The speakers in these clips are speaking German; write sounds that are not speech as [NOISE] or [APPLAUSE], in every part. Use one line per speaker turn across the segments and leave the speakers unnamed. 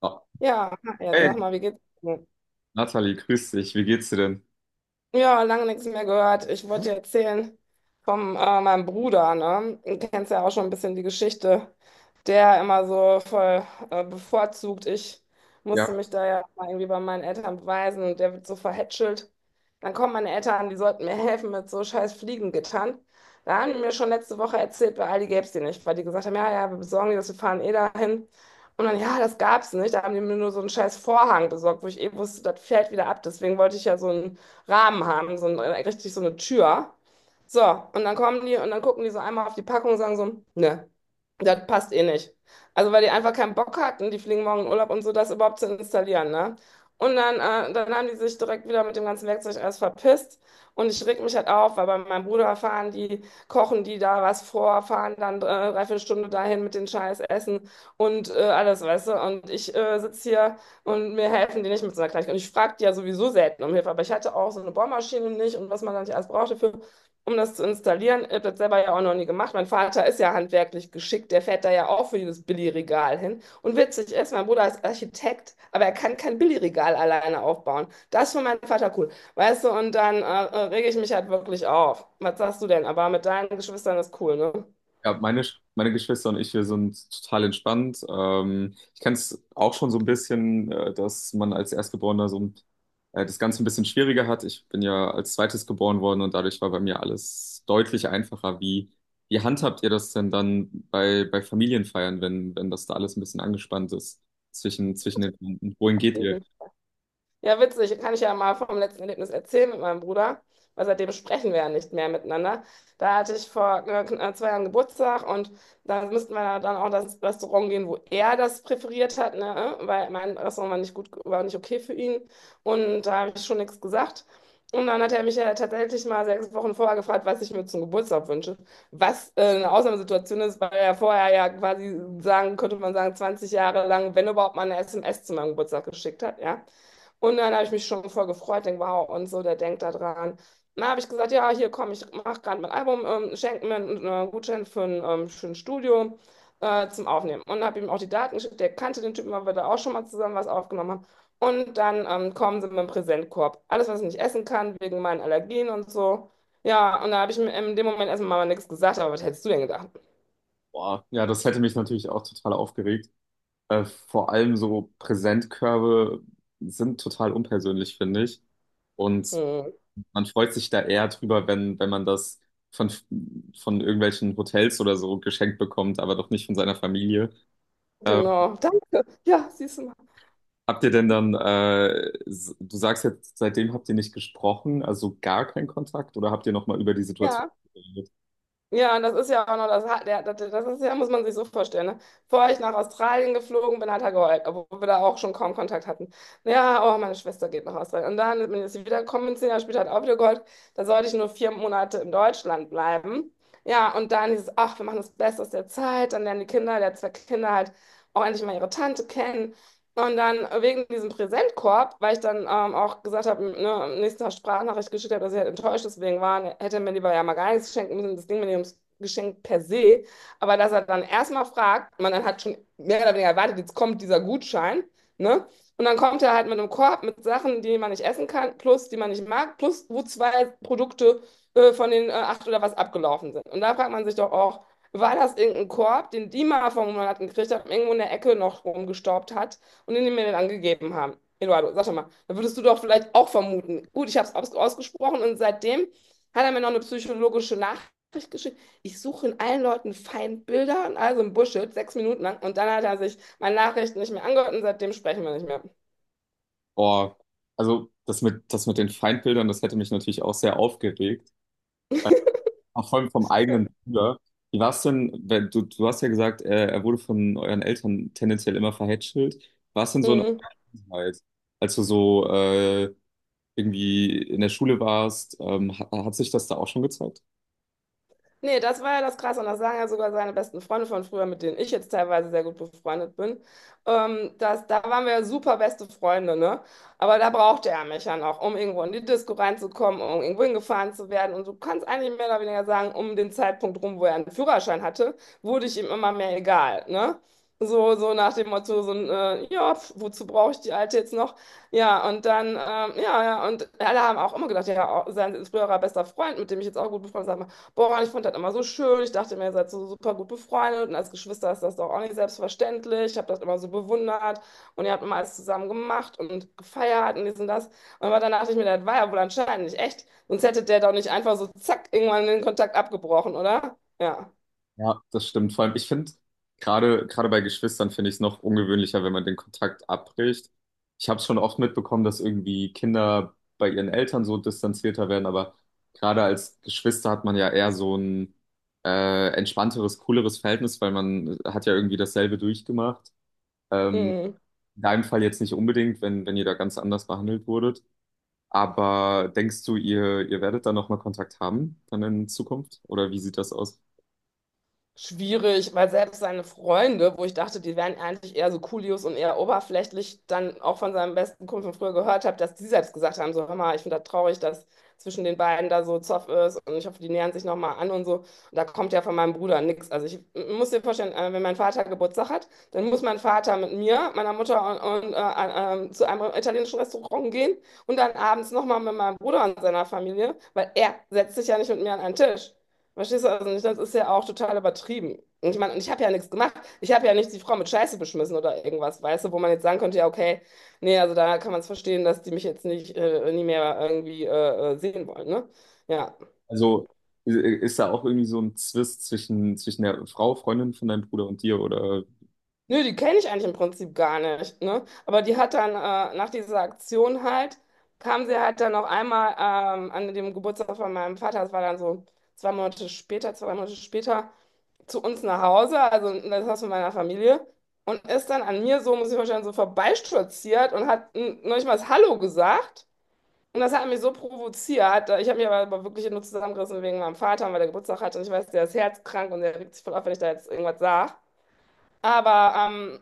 Ah,
Ja, ja,
hey,
sag mal, wie geht's dir?
Nathalie, grüß dich. Wie geht's dir denn?
Ja, lange nichts mehr gehört. Ich wollte dir erzählen von meinem Bruder, ne? Du kennst ja auch schon ein bisschen die Geschichte, der immer so voll bevorzugt. Ich musste
Ja,
mich da ja mal irgendwie bei meinen Eltern beweisen, und der wird so verhätschelt. Dann kommen meine Eltern, die sollten mir helfen mit so scheiß Fliegengittern. Da haben die mir schon letzte Woche erzählt, bei Aldi gäbe es die nicht, weil die gesagt haben, ja, ja, wir besorgen die das, wir fahren eh dahin. Und dann, ja, das gab's nicht. Da haben die mir nur so einen scheiß Vorhang besorgt, wo ich eh wusste, das fällt wieder ab. Deswegen wollte ich ja so einen Rahmen haben, so ein, richtig so eine Tür. So, und dann kommen die und dann gucken die so einmal auf die Packung und sagen so, ne, das passt eh nicht. Also weil die einfach keinen Bock hatten, die fliegen morgen in Urlaub und so, das überhaupt zu installieren, ne? Und dann haben die sich direkt wieder mit dem ganzen Werkzeug alles verpisst. Und ich reg mich halt auf, weil bei meinem Bruder fahren die, kochen die da was vor, fahren dann drei, vier Stunden dahin mit den scheiß Essen und alles, weißt du. Und ich sitze hier und mir helfen die nicht mit so einer Kleinigkeit. Und ich frage die ja sowieso selten um Hilfe, aber ich hatte auch so eine Bohrmaschine nicht und was man dann nicht alles brauchte für, um das zu installieren. Ich habe das selber ja auch noch nie gemacht. Mein Vater ist ja handwerklich geschickt, der fährt da ja auch für jedes Billigregal hin. Und witzig ist, mein Bruder ist Architekt, aber er kann kein Billigregal alleine aufbauen. Das ist für meinen Vater cool. Weißt du, und dann rege ich mich halt wirklich auf. Was sagst du denn? Aber mit deinen Geschwistern ist cool, ne?
ja, meine Geschwister und ich, wir sind total entspannt. Ich kenne es auch schon so ein bisschen, dass man als Erstgeborener so das Ganze ein bisschen schwieriger hat. Ich bin ja als Zweites geboren worden und dadurch war bei mir alles deutlich einfacher. Wie handhabt ihr das denn dann bei Familienfeiern, wenn das da alles ein bisschen angespannt ist zwischen den Wohin geht ihr?
Ja, witzig. Kann ich ja mal vom letzten Erlebnis erzählen mit meinem Bruder, weil seitdem sprechen wir ja nicht mehr miteinander. Da hatte ich vor zwei Jahren Geburtstag, und da müssten wir ja dann auch das Restaurant gehen, wo er das präferiert hat, ne? Weil mein Restaurant war nicht gut, war nicht okay für ihn, und da habe ich schon nichts gesagt. Und dann hat er mich ja tatsächlich mal 6 Wochen vorher gefragt, was ich mir zum Geburtstag wünsche. Was eine Ausnahmesituation ist, weil er vorher ja quasi sagen, könnte man sagen, 20 Jahre lang, wenn überhaupt mal eine SMS zu meinem Geburtstag geschickt hat, ja. Und dann habe ich mich schon voll gefreut, denke, wow, und so, der denkt da dran. Dann habe ich gesagt, ja, hier komm, ich mache gerade mein Album, schenke mir einen Gutschein für ein schönes Studio zum Aufnehmen. Und habe ihm auch die Daten geschickt, der kannte den Typen, weil wir da auch schon mal zusammen was aufgenommen haben. Und dann kommen sie mit dem Präsentkorb. Alles, was ich nicht essen kann, wegen meinen Allergien und so. Ja, und da habe ich mir in dem Moment erstmal mal nichts gesagt, aber was hättest du denn gedacht?
Boah, ja, das hätte mich natürlich auch total aufgeregt. Vor allem so Präsentkörbe sind total unpersönlich, finde ich. Und
Hm,
man freut sich da eher drüber, wenn, wenn man das von, von irgendwelchen Hotels oder so geschenkt bekommt, aber doch nicht von seiner Familie. Äh,
genau, [LAUGHS] danke. Ja, siehst du mal.
Habt ihr denn dann, du sagst jetzt, seitdem habt ihr nicht gesprochen, also gar keinen Kontakt oder habt ihr nochmal über die Situation
Ja.
geredet?
Ja, und das ist ja auch noch das, das ist ja, muss man sich so vorstellen. Ne? Bevor ich nach Australien geflogen bin, hat er geheult, obwohl wir da auch schon kaum Kontakt hatten. Ja, oh, meine Schwester geht nach Australien. Und dann bin ich wiedergekommen, bin, 10 Jahre später hat er auch wieder geheult. Da sollte ich nur 4 Monate in Deutschland bleiben. Ja, und dann hieß es, ach, wir machen das Beste aus der Zeit. Dann lernen die Kinder, der hat zwei Kinder halt, auch endlich mal ihre Tante kennen. Und dann wegen diesem Präsentkorb, weil ich dann auch gesagt habe, ne, am nächsten Tag Sprachnachricht geschickt habe, dass ich halt enttäuscht deswegen war, hätte er mir lieber ja mal gar nichts schenken müssen, das Ding mir nicht ums Geschenk per se. Aber dass er dann erstmal fragt, man dann hat schon mehr oder weniger erwartet, jetzt kommt dieser Gutschein, ne? Und dann kommt er halt mit einem Korb mit Sachen, die man nicht essen kann, plus die man nicht mag, plus wo zwei Produkte von den acht oder was abgelaufen sind. Und da fragt man sich doch auch, war das irgendein Korb, den die mal vor einem Monat gekriegt hat, irgendwo in der Ecke noch rumgestaubt hat und die mir den angegeben haben? Eduardo, sag doch mal, da würdest du doch vielleicht auch vermuten. Gut, ich habe es aus ausgesprochen, und seitdem hat er mir noch eine psychologische Nachricht geschickt. Ich suche in allen Leuten Feindbilder und also im Bullshit, 6 Minuten lang. Und dann hat er sich meine Nachricht nicht mehr angehört, und seitdem sprechen wir nicht mehr.
Boah, also das das mit den Feindbildern, das hätte mich natürlich auch sehr aufgeregt. Auch vor allem vom
Ja.
eigenen Bruder. Wie war es denn, wenn du, du hast ja gesagt, er wurde von euren Eltern tendenziell immer verhätschelt. War es denn so eine
Mhm.
Vergangenheit, als du so irgendwie in der Schule warst, hat, hat sich das da auch schon gezeigt?
Nee, das war ja das Krasse. Und das sagen ja sogar seine besten Freunde von früher, mit denen ich jetzt teilweise sehr gut befreundet bin. Da waren wir ja super beste Freunde, ne? Aber da brauchte er mich ja noch, um irgendwo in die Disco reinzukommen, um irgendwo hingefahren zu werden. Und du kannst eigentlich mehr oder weniger sagen, um den Zeitpunkt rum, wo er einen Führerschein hatte, wurde ich ihm immer mehr egal, ne? So, so nach dem Motto, so ein, ja, pf, wozu brauche ich die Alte jetzt noch? Ja, und ja, ja, und alle haben auch immer gedacht, ja, auch sein früherer bester Freund, mit dem ich jetzt auch gut befreundet bin: Boah, ich fand das immer so schön. Ich dachte mir, ihr seid so super gut befreundet, und als Geschwister ist das doch auch nicht selbstverständlich. Ich habe das immer so bewundert, und ihr habt immer alles zusammen gemacht und gefeiert und dies und das. Und aber dann dachte ich mir, das war ja wohl anscheinend nicht echt. Sonst hätte der doch nicht einfach so zack irgendwann den Kontakt abgebrochen, oder? Ja.
Ja, das stimmt. Vor allem, ich finde, gerade bei Geschwistern finde ich es noch ungewöhnlicher, wenn man den Kontakt abbricht. Ich habe es schon oft mitbekommen, dass irgendwie Kinder bei ihren Eltern so distanzierter werden, aber gerade als Geschwister hat man ja eher so ein entspannteres, cooleres Verhältnis, weil man hat ja irgendwie dasselbe durchgemacht. Ähm,
Mhm.
in deinem Fall jetzt nicht unbedingt, wenn, wenn ihr da ganz anders behandelt wurdet. Aber denkst du, ihr werdet da nochmal Kontakt haben dann in Zukunft? Oder wie sieht das aus?
Schwierig, weil selbst seine Freunde, wo ich dachte, die wären eigentlich eher so Coolios und eher oberflächlich, dann auch von seinem besten Kumpel von früher gehört habe, dass die selbst gesagt haben, so, hör mal, ich finde das traurig, dass zwischen den beiden da so Zoff ist, und ich hoffe, die nähern sich nochmal an und so. Und da kommt ja von meinem Bruder nichts. Also ich muss dir vorstellen, wenn mein Vater Geburtstag hat, dann muss mein Vater mit mir, meiner Mutter zu einem italienischen Restaurant gehen und dann abends nochmal mit meinem Bruder und seiner Familie, weil er setzt sich ja nicht mit mir an einen Tisch. Verstehst du? Also nicht, das ist ja auch total übertrieben. Und ich meine, und ich habe ja nichts gemacht. Ich habe ja nicht die Frau mit Scheiße beschmissen oder irgendwas, weißt du, wo man jetzt sagen könnte, ja, okay, nee, also da kann man es verstehen, dass die mich jetzt nicht, nie mehr irgendwie sehen wollen, ne? Ja.
Also i- ist da auch irgendwie so ein Zwist zwischen der Frau, Freundin von deinem Bruder und dir? Oder
Nö, die kenne ich eigentlich im Prinzip gar nicht, ne? Aber die hat dann nach dieser Aktion halt, kam sie halt dann noch einmal an dem Geburtstag von meinem Vater, das war dann so 2 Monate später, zu uns nach Hause, also in das Haus von meiner Familie, und ist dann an mir so, muss ich vorstellen, so vorbeistolziert und hat noch nicht mal das Hallo gesagt. Und das hat mich so provoziert. Ich habe mich aber wirklich nur zusammengerissen wegen meinem Vater, weil der Geburtstag hatte. Und ich weiß, der ist herzkrank und der regt sich voll auf, wenn ich da jetzt irgendwas sage. Aber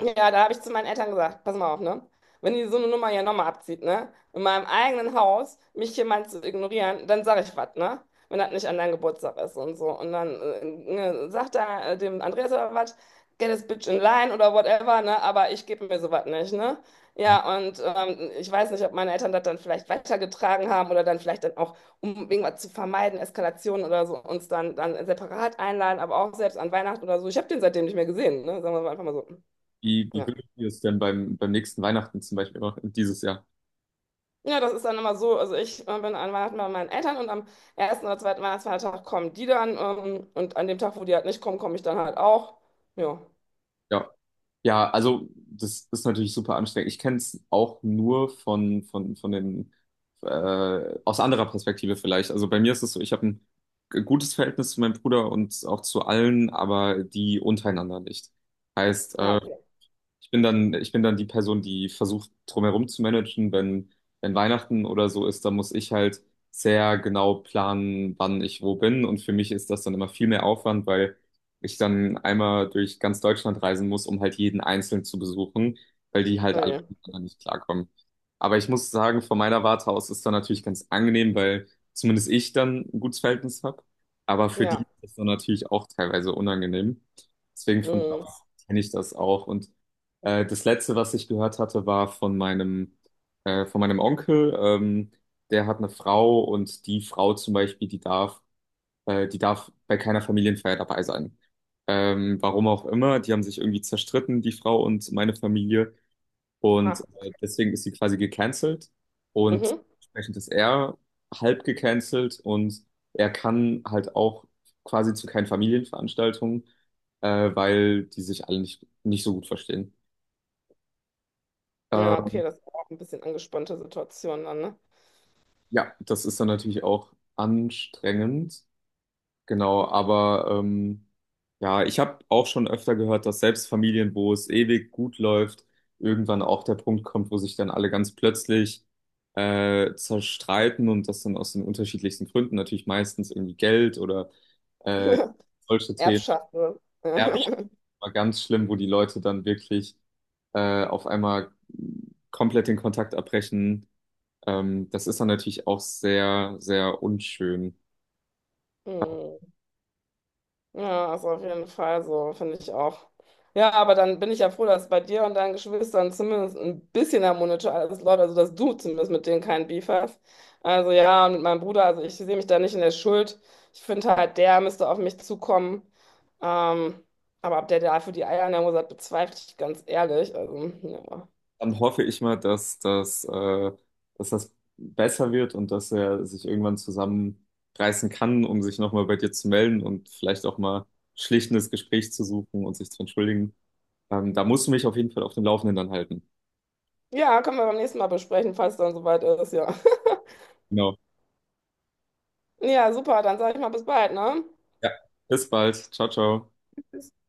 ja, da habe ich zu meinen Eltern gesagt, pass mal auf, ne? Wenn die so eine Nummer hier nochmal abzieht, ne? In meinem eigenen Haus, mich jemand zu ignorieren, dann sage ich was, ne? Wenn das nicht an deinem Geburtstag ist und so. Und dann ne, sagt er dem Andreas oder was, get this bitch in line oder whatever, ne? Aber ich gebe mir sowas nicht, ne? Ja, und ich weiß nicht, ob meine Eltern das dann vielleicht weitergetragen haben oder dann auch, um irgendwas zu vermeiden, Eskalationen oder so, uns dann separat einladen, aber auch selbst an Weihnachten oder so. Ich habe den seitdem nicht mehr gesehen, ne? Sagen wir mal einfach mal so.
wie, wie
Ja.
würdet ihr es denn beim, beim nächsten Weihnachten zum Beispiel machen, dieses Jahr?
Ja, das ist dann immer so. Also ich bin an Weihnachten bei meinen Eltern und am ersten oder zweiten Weihnachtsfeiertag kommen die dann. Und an dem Tag, wo die halt nicht kommen, komme ich dann halt auch. Ja,
Ja. Ja, also das ist natürlich super anstrengend. Ich kenne es auch nur von den, aus anderer Perspektive vielleicht. Also bei mir ist es so, ich habe ein gutes Verhältnis zu meinem Bruder und auch zu allen, aber die untereinander nicht. Heißt,
ja, okay.
ich bin dann, ich bin dann die Person, die versucht, drumherum zu managen. Wenn Weihnachten oder so ist, dann muss ich halt sehr genau planen, wann ich wo bin. Und für mich ist das dann immer viel mehr Aufwand, weil ich dann einmal durch ganz Deutschland reisen muss, um halt jeden Einzelnen zu besuchen, weil die halt
Oh
alle
je.
miteinander nicht klarkommen. Aber ich muss sagen, von meiner Warte aus ist dann natürlich ganz angenehm, weil zumindest ich dann ein gutes Verhältnis habe. Aber für die ist
Ja.
das dann natürlich auch teilweise unangenehm. Deswegen von da
Mhm.
aus kenne ich das auch. Und das letzte, was ich gehört hatte, war von von meinem Onkel. Der hat eine Frau und die Frau zum Beispiel, die darf bei keiner Familienfeier dabei sein. Warum auch immer, die haben sich irgendwie zerstritten, die Frau und meine Familie. Und
Ha.
deswegen ist sie quasi gecancelt. Und
Mhm.
entsprechend ist er halb gecancelt und er kann halt auch quasi zu keinen Familienveranstaltungen, weil die sich alle nicht, nicht so gut verstehen.
Ja, okay,
Ähm,
das ist auch ein bisschen angespannte Situation dann, ne?
Ja, das ist dann natürlich auch anstrengend, genau, aber ja, ich habe auch schon öfter gehört, dass selbst Familien, wo es ewig gut läuft, irgendwann auch der Punkt kommt, wo sich dann alle ganz plötzlich zerstreiten und das dann aus den unterschiedlichsten Gründen, natürlich meistens irgendwie Geld oder äh,
[LAUGHS]
solche Themen,
Erbschaft. Ne?
Erbschaft
[LAUGHS]
war ganz schlimm, wo die Leute dann wirklich auf einmal komplett den Kontakt abbrechen. Das ist dann natürlich auch sehr, sehr unschön.
Mhm. Ja, ist auf jeden Fall so, finde ich auch. Ja, aber dann bin ich ja froh, dass bei dir und deinen Geschwistern zumindest ein bisschen harmonischer alles läuft, also dass du zumindest mit denen keinen Beef hast. Also ja, und mit meinem Bruder, also ich sehe mich da nicht in der Schuld. Ich finde halt, der müsste auf mich zukommen. Ähm, aber ob der dafür die Eier in der Hose hat, bezweifle ich ganz ehrlich. Also, ja.
Dann hoffe ich mal, dass das besser wird und dass er sich irgendwann zusammenreißen kann, um sich nochmal bei dir zu melden und vielleicht auch mal schlichtendes Gespräch zu suchen und sich zu entschuldigen. Da musst du mich auf jeden Fall auf dem Laufenden dann halten.
Ja, können wir beim nächsten Mal besprechen, falls dann soweit ist, ja. [LAUGHS]
Genau.
Ja, super, dann sage ich mal bis bald, ne?
Ja, bis bald. Ciao, ciao.
Bis